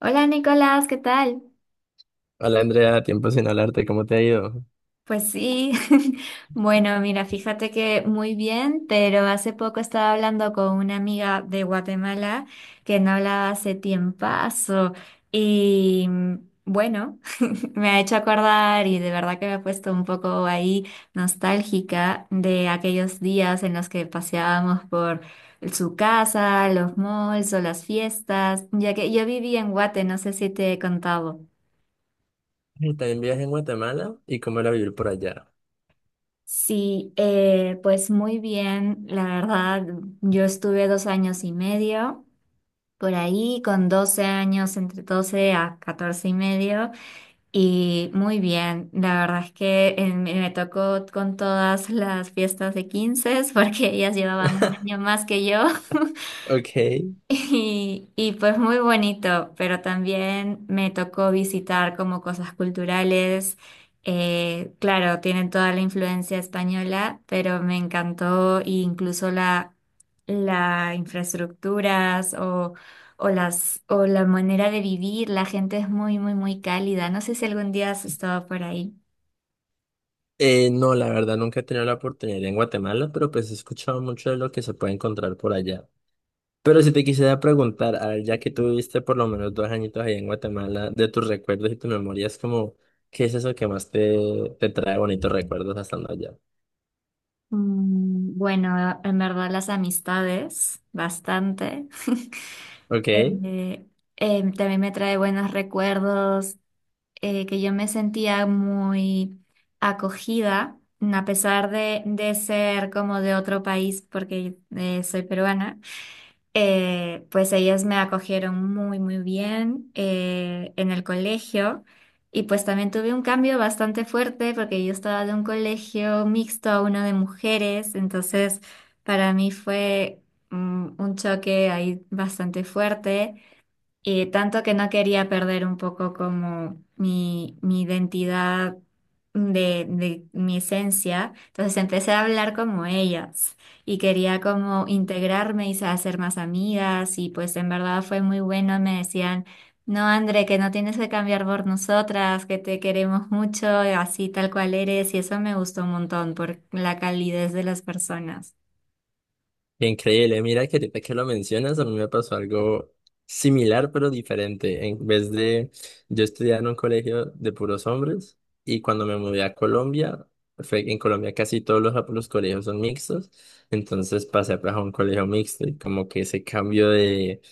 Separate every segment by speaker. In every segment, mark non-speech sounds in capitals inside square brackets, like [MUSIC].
Speaker 1: Hola Nicolás, ¿qué tal?
Speaker 2: Hola Andrea, tiempo sin hablarte, ¿cómo te ha ido?
Speaker 1: Pues sí, [LAUGHS] bueno, mira, fíjate que muy bien, pero hace poco estaba hablando con una amiga de Guatemala que no hablaba hace tiempazo y bueno, [LAUGHS] me ha hecho acordar y de verdad que me ha puesto un poco ahí nostálgica de aquellos días en los que paseábamos por su casa, los malls o las fiestas, ya que yo viví en Guate, no sé si te he contado.
Speaker 2: Y también viajé en Guatemala y cómo era vivir por allá.
Speaker 1: Sí, pues muy bien, la verdad, yo estuve 2 años y medio por ahí, con 12 años, entre 12 a 14 y medio, y muy bien, la verdad es que me tocó con todas las fiestas de 15, [LAUGHS] porque ellas llevaban un año
Speaker 2: [LAUGHS]
Speaker 1: más que yo.
Speaker 2: Ok.
Speaker 1: Y pues muy bonito, pero también me tocó visitar como cosas culturales. Claro, tienen toda la influencia española, pero me encantó e incluso la infraestructuras o la manera de vivir. La gente es muy, muy, muy cálida. No sé si algún día has estado por ahí.
Speaker 2: No, la verdad nunca he tenido la oportunidad de ir en Guatemala, pero pues he escuchado mucho de lo que se puede encontrar por allá. Pero si te quisiera preguntar, a ver, ya que tuviste por lo menos dos añitos ahí en Guatemala, de tus recuerdos y tus memorias, como, ¿qué es eso que más te trae bonitos recuerdos estando allá?
Speaker 1: Bueno, en verdad las amistades, bastante. [LAUGHS]
Speaker 2: Ok,
Speaker 1: Eh, también me trae buenos recuerdos, que yo me sentía muy acogida, a pesar de ser como de otro país, porque soy peruana. Pues ellas me acogieron muy, muy bien en el colegio. Y pues también tuve un cambio bastante fuerte porque yo estaba de un colegio mixto a uno de mujeres, entonces para mí fue un choque ahí bastante fuerte. Y tanto que no quería perder un poco como mi identidad de mi esencia. Entonces empecé a hablar como ellas y quería como integrarme y hacer más amigas y pues en verdad fue muy bueno. Me decían, no, André, que no tienes que cambiar por nosotras, que te queremos mucho, así tal cual eres. Y eso me gustó un montón por la calidez de las personas.
Speaker 2: increíble. Mira que ahorita que lo mencionas, a mí me pasó algo similar pero diferente. En vez de yo estudiar en un colegio de puros hombres y cuando me mudé a Colombia, en Colombia casi todos los colegios son mixtos, entonces pasé pues, a un colegio mixto y como que ese cambio de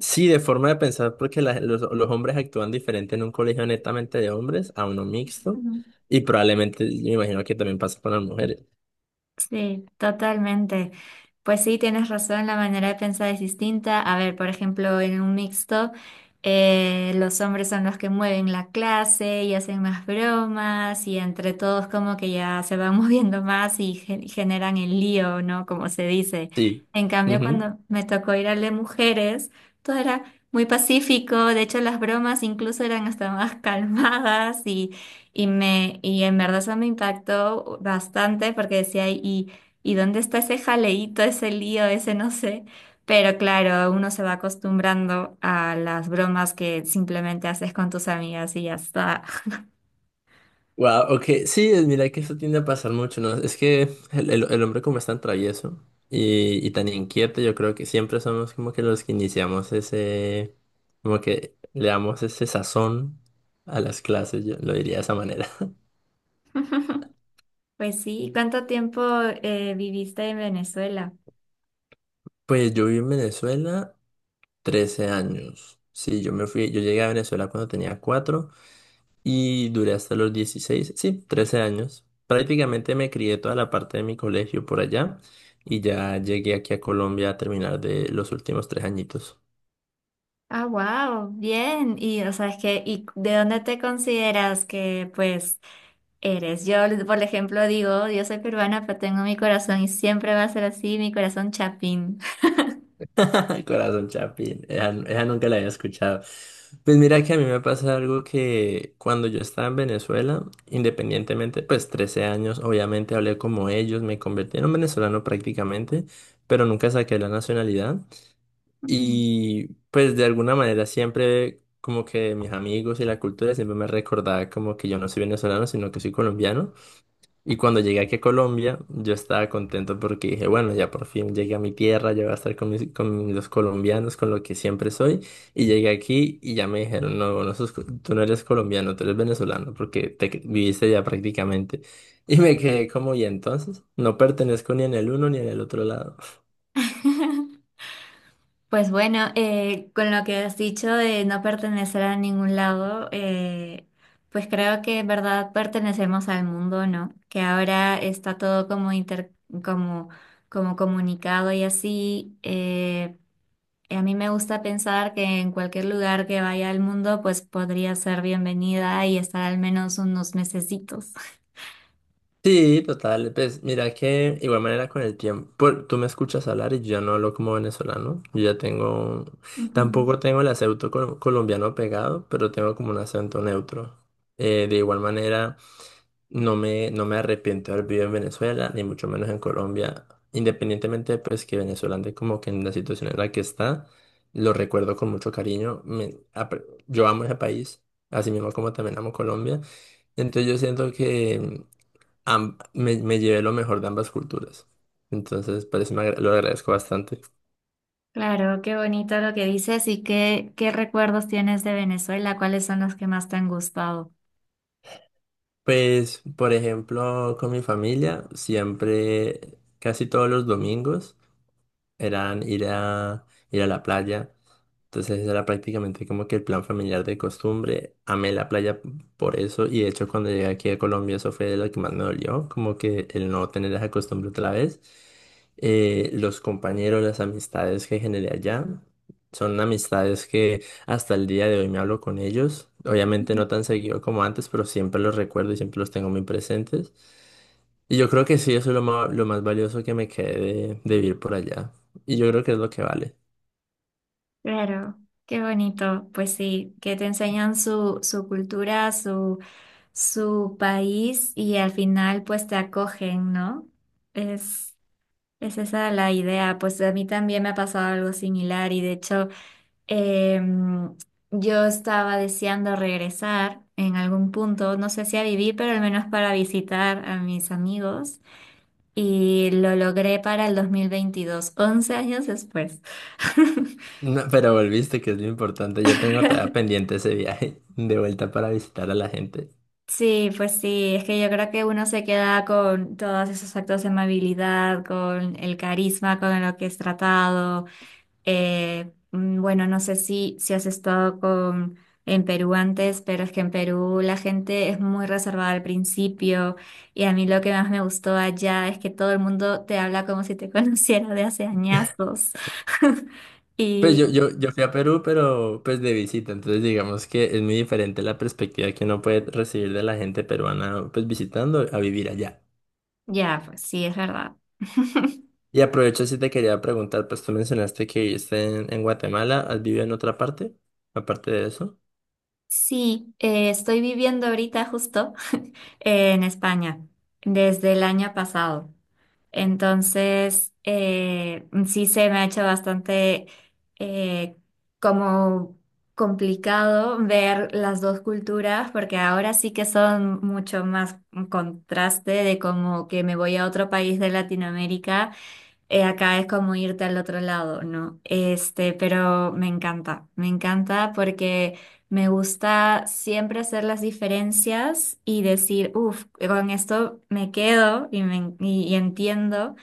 Speaker 2: sí, de forma de pensar, porque los hombres actúan diferente en un colegio netamente de hombres a uno mixto, y probablemente me imagino que también pasa con las mujeres.
Speaker 1: Sí, totalmente. Pues sí, tienes razón, la manera de pensar es distinta. A ver, por ejemplo, en un mixto, los hombres son los que mueven la clase y hacen más bromas y entre todos como que ya se van [LAUGHS] moviendo más y generan el lío, ¿no? Como se dice.
Speaker 2: Sí.
Speaker 1: En cambio,
Speaker 2: Ujú.
Speaker 1: cuando me tocó ir al de mujeres, todo era muy pacífico. De hecho, las bromas incluso eran hasta más [LAUGHS] calmadas y en verdad eso me impactó bastante porque decía, ¿y dónde está ese jaleíto, ese lío, ese no sé? Pero claro, uno se va acostumbrando a las bromas que simplemente haces con tus amigas y ya está.
Speaker 2: Wow, ok. Sí, mira que eso tiende a pasar mucho, ¿no? Es que el hombre como es tan travieso y tan inquieto, yo creo que siempre somos como que los que iniciamos ese, como que le damos ese sazón a las clases, yo lo diría de esa manera. [LAUGHS]
Speaker 1: Pues sí, ¿cuánto tiempo viviste en Venezuela?
Speaker 2: Pues yo viví en Venezuela 13 años. Sí, yo me fui, yo llegué a Venezuela cuando tenía 4 y duré hasta los 16 sí, 13 años. Prácticamente me crié toda la parte de mi colegio por allá y ya llegué aquí a Colombia a terminar de los últimos tres añitos.
Speaker 1: Ah, wow, bien. Y o sea, es que, ¿y de dónde te consideras que pues eres? Yo, por ejemplo, digo, yo soy peruana, pero tengo mi corazón y siempre va a ser así, mi corazón chapín.
Speaker 2: [LAUGHS] Corazón Chapín, esa nunca la había escuchado. Pues mira que a mí me pasa algo que cuando yo estaba en Venezuela, independientemente, pues 13 años, obviamente hablé como ellos, me convertí en un venezolano prácticamente, pero nunca saqué la nacionalidad.
Speaker 1: Ujú.
Speaker 2: Y pues de alguna manera siempre como que mis amigos y la cultura siempre me recordaba como que yo no soy venezolano, sino que soy colombiano. Y cuando llegué aquí a Colombia, yo estaba contento porque dije, bueno, ya por fin llegué a mi tierra, ya voy a estar con mis, con los colombianos, con lo que siempre soy. Y llegué aquí y ya me dijeron, no, tú no eres colombiano, tú eres venezolano porque viviste ya prácticamente. [LAUGHS] Y me quedé como, y entonces, no pertenezco ni en el uno ni en el otro lado.
Speaker 1: Pues bueno, con lo que has dicho de no pertenecer a ningún lado, pues creo que en verdad pertenecemos al mundo, ¿no? Que ahora está todo como como, como comunicado y así. A mí me gusta pensar que en cualquier lugar que vaya al mundo, pues podría ser bienvenida y estar al menos unos mesecitos.
Speaker 2: Sí, total. Pues mira que igual manera con el tiempo, tú me escuchas hablar y yo ya no hablo como venezolano. Yo ya tengo,
Speaker 1: Ujú.
Speaker 2: tampoco tengo el acento colombiano pegado, pero tengo como un acento neutro. De igual manera, no me arrepiento de haber vivido en Venezuela, ni mucho menos en Colombia. Independientemente, pues que Venezuela ande como que en la situación en la que está, lo recuerdo con mucho cariño. Yo amo ese país, así mismo como también amo Colombia. Entonces yo siento que me llevé lo mejor de ambas culturas. Entonces, por eso lo agradezco bastante.
Speaker 1: Claro, qué bonito lo que dices y qué recuerdos tienes de Venezuela, ¿cuáles son los que más te han gustado?
Speaker 2: Pues, por ejemplo, con mi familia, siempre, casi todos los domingos, eran ir a la playa. Entonces ese era prácticamente como que el plan familiar de costumbre. Amé la playa por eso y de hecho cuando llegué aquí a Colombia eso fue de lo que más me dolió, como que el no tener esa costumbre otra vez. Los compañeros, las amistades que generé allá son amistades que hasta el día de hoy me hablo con ellos. Obviamente no tan seguido como antes, pero siempre los recuerdo y siempre los tengo muy presentes. Y yo creo que sí, eso es lo más valioso que me quedé de vivir por allá. Y yo creo que es lo que vale.
Speaker 1: Claro, qué bonito. Pues sí, que te enseñan su cultura, su país y al final pues te acogen, ¿no? Es, es esa la idea. Pues a mí también me ha pasado algo similar y de hecho em, yo estaba deseando regresar en algún punto, no sé si a vivir, pero al menos para visitar a mis amigos y lo logré para el 2022, 11 años después.
Speaker 2: No, pero volviste, que es lo importante. Yo tengo
Speaker 1: [LAUGHS]
Speaker 2: todavía pendiente ese viaje [LAUGHS] de vuelta para visitar a la gente.
Speaker 1: Sí, pues sí, es que yo creo que uno se queda con todos esos actos de amabilidad, con el carisma con lo que es tratado. Bueno, no sé si has estado en Perú antes, pero es que en Perú la gente es muy reservada al principio y a mí lo que más me gustó allá es que todo el mundo te habla como si te [LAUGHS] conociera de hace añazos. [LAUGHS]
Speaker 2: Pues
Speaker 1: Y
Speaker 2: yo fui a Perú, pero pues de visita. Entonces digamos que es muy diferente la perspectiva que uno puede recibir de la gente peruana, pues visitando a vivir allá.
Speaker 1: ya, pues sí, es verdad.
Speaker 2: Y aprovecho si te quería preguntar, pues tú mencionaste que viviste en Guatemala, ¿has vivido en otra parte? Aparte de eso.
Speaker 1: Sí, estoy viviendo ahorita justo [LAUGHS] en España desde el año pasado. Entonces, sí se me ha hecho bastante eh, como complicado ver las dos culturas porque ahora sí que son mucho más un contraste de como que me voy a otro país de Latinoamérica. Acá es como irte al otro lado, ¿no? Este, pero me encanta porque me gusta siempre hacer las diferencias y decir, uff, con esto me quedo y entiendo.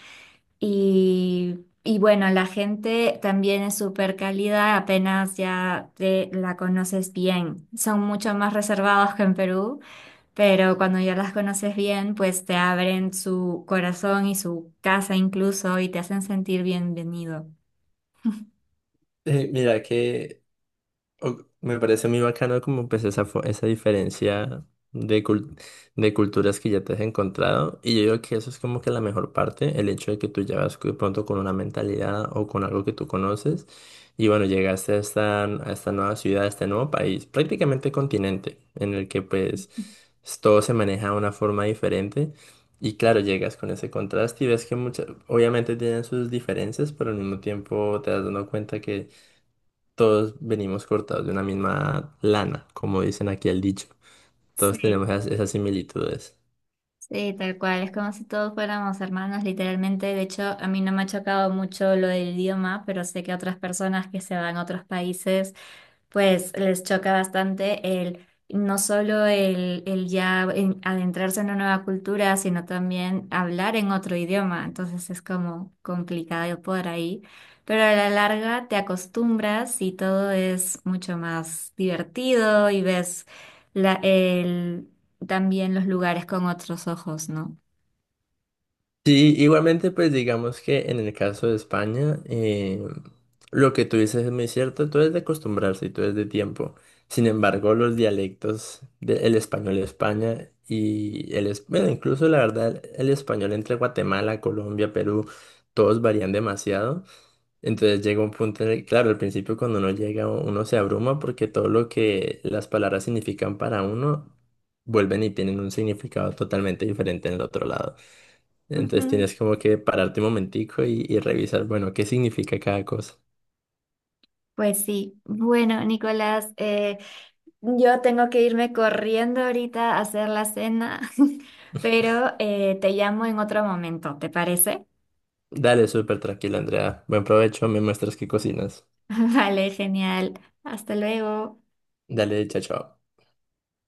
Speaker 1: Y, y bueno, la gente también es súper cálida, apenas ya te la conoces bien. Son mucho más reservados que en Perú pero cuando ya las conoces bien, pues te abren su corazón y su casa incluso y te hacen sentir bienvenido.
Speaker 2: Mira que me parece muy bacano como pues esa diferencia de, cul- de culturas que ya te has encontrado y yo digo que eso es como que la mejor parte, el hecho de que tú ya vas de pronto con una mentalidad o con algo que tú conoces y bueno, llegaste a a esta nueva ciudad, a este nuevo país, prácticamente continente en el que pues todo se maneja de una forma diferente y claro, llegas con ese contraste y ves que muchas, obviamente tienen sus diferencias, pero al mismo tiempo te das dando cuenta que todos venimos cortados de una misma lana, como dicen aquí el dicho. Todos
Speaker 1: Sí.
Speaker 2: tenemos esas similitudes.
Speaker 1: Sí, tal cual, es como si todos fuéramos hermanos, literalmente. De hecho, a mí no me ha chocado mucho lo del idioma, pero sé que a otras personas que se van a otros países, pues les choca bastante no solo el ya adentrarse en una nueva cultura, sino también hablar en otro idioma. Entonces es como complicado por ahí. Pero a la larga te acostumbras y todo es mucho más divertido y ves la, el también los lugares con otros ojos, ¿no?
Speaker 2: Sí, igualmente, pues digamos que en el caso de España, lo que tú dices es muy cierto, todo es de acostumbrarse y todo es de tiempo. Sin embargo, los dialectos del español de España y bueno, incluso la verdad, el español entre Guatemala, Colombia, Perú, todos varían demasiado. Entonces llega un punto en el, claro, al principio cuando uno llega, uno se abruma porque todo lo que las palabras significan para uno vuelven y tienen un significado totalmente diferente en el otro lado. Entonces
Speaker 1: Ujú.
Speaker 2: tienes como que pararte un momentico y revisar, bueno, qué significa cada cosa.
Speaker 1: Pues sí. Bueno, Nicolás, yo tengo que irme corriendo ahorita a hacer la cena, [LAUGHS] pero te llamo en otro momento, ¿te parece?
Speaker 2: Dale, súper tranquila, Andrea. Buen provecho, me muestras qué cocinas.
Speaker 1: [LAUGHS] Vale, genial. Hasta luego.
Speaker 2: Dale, chao, chao.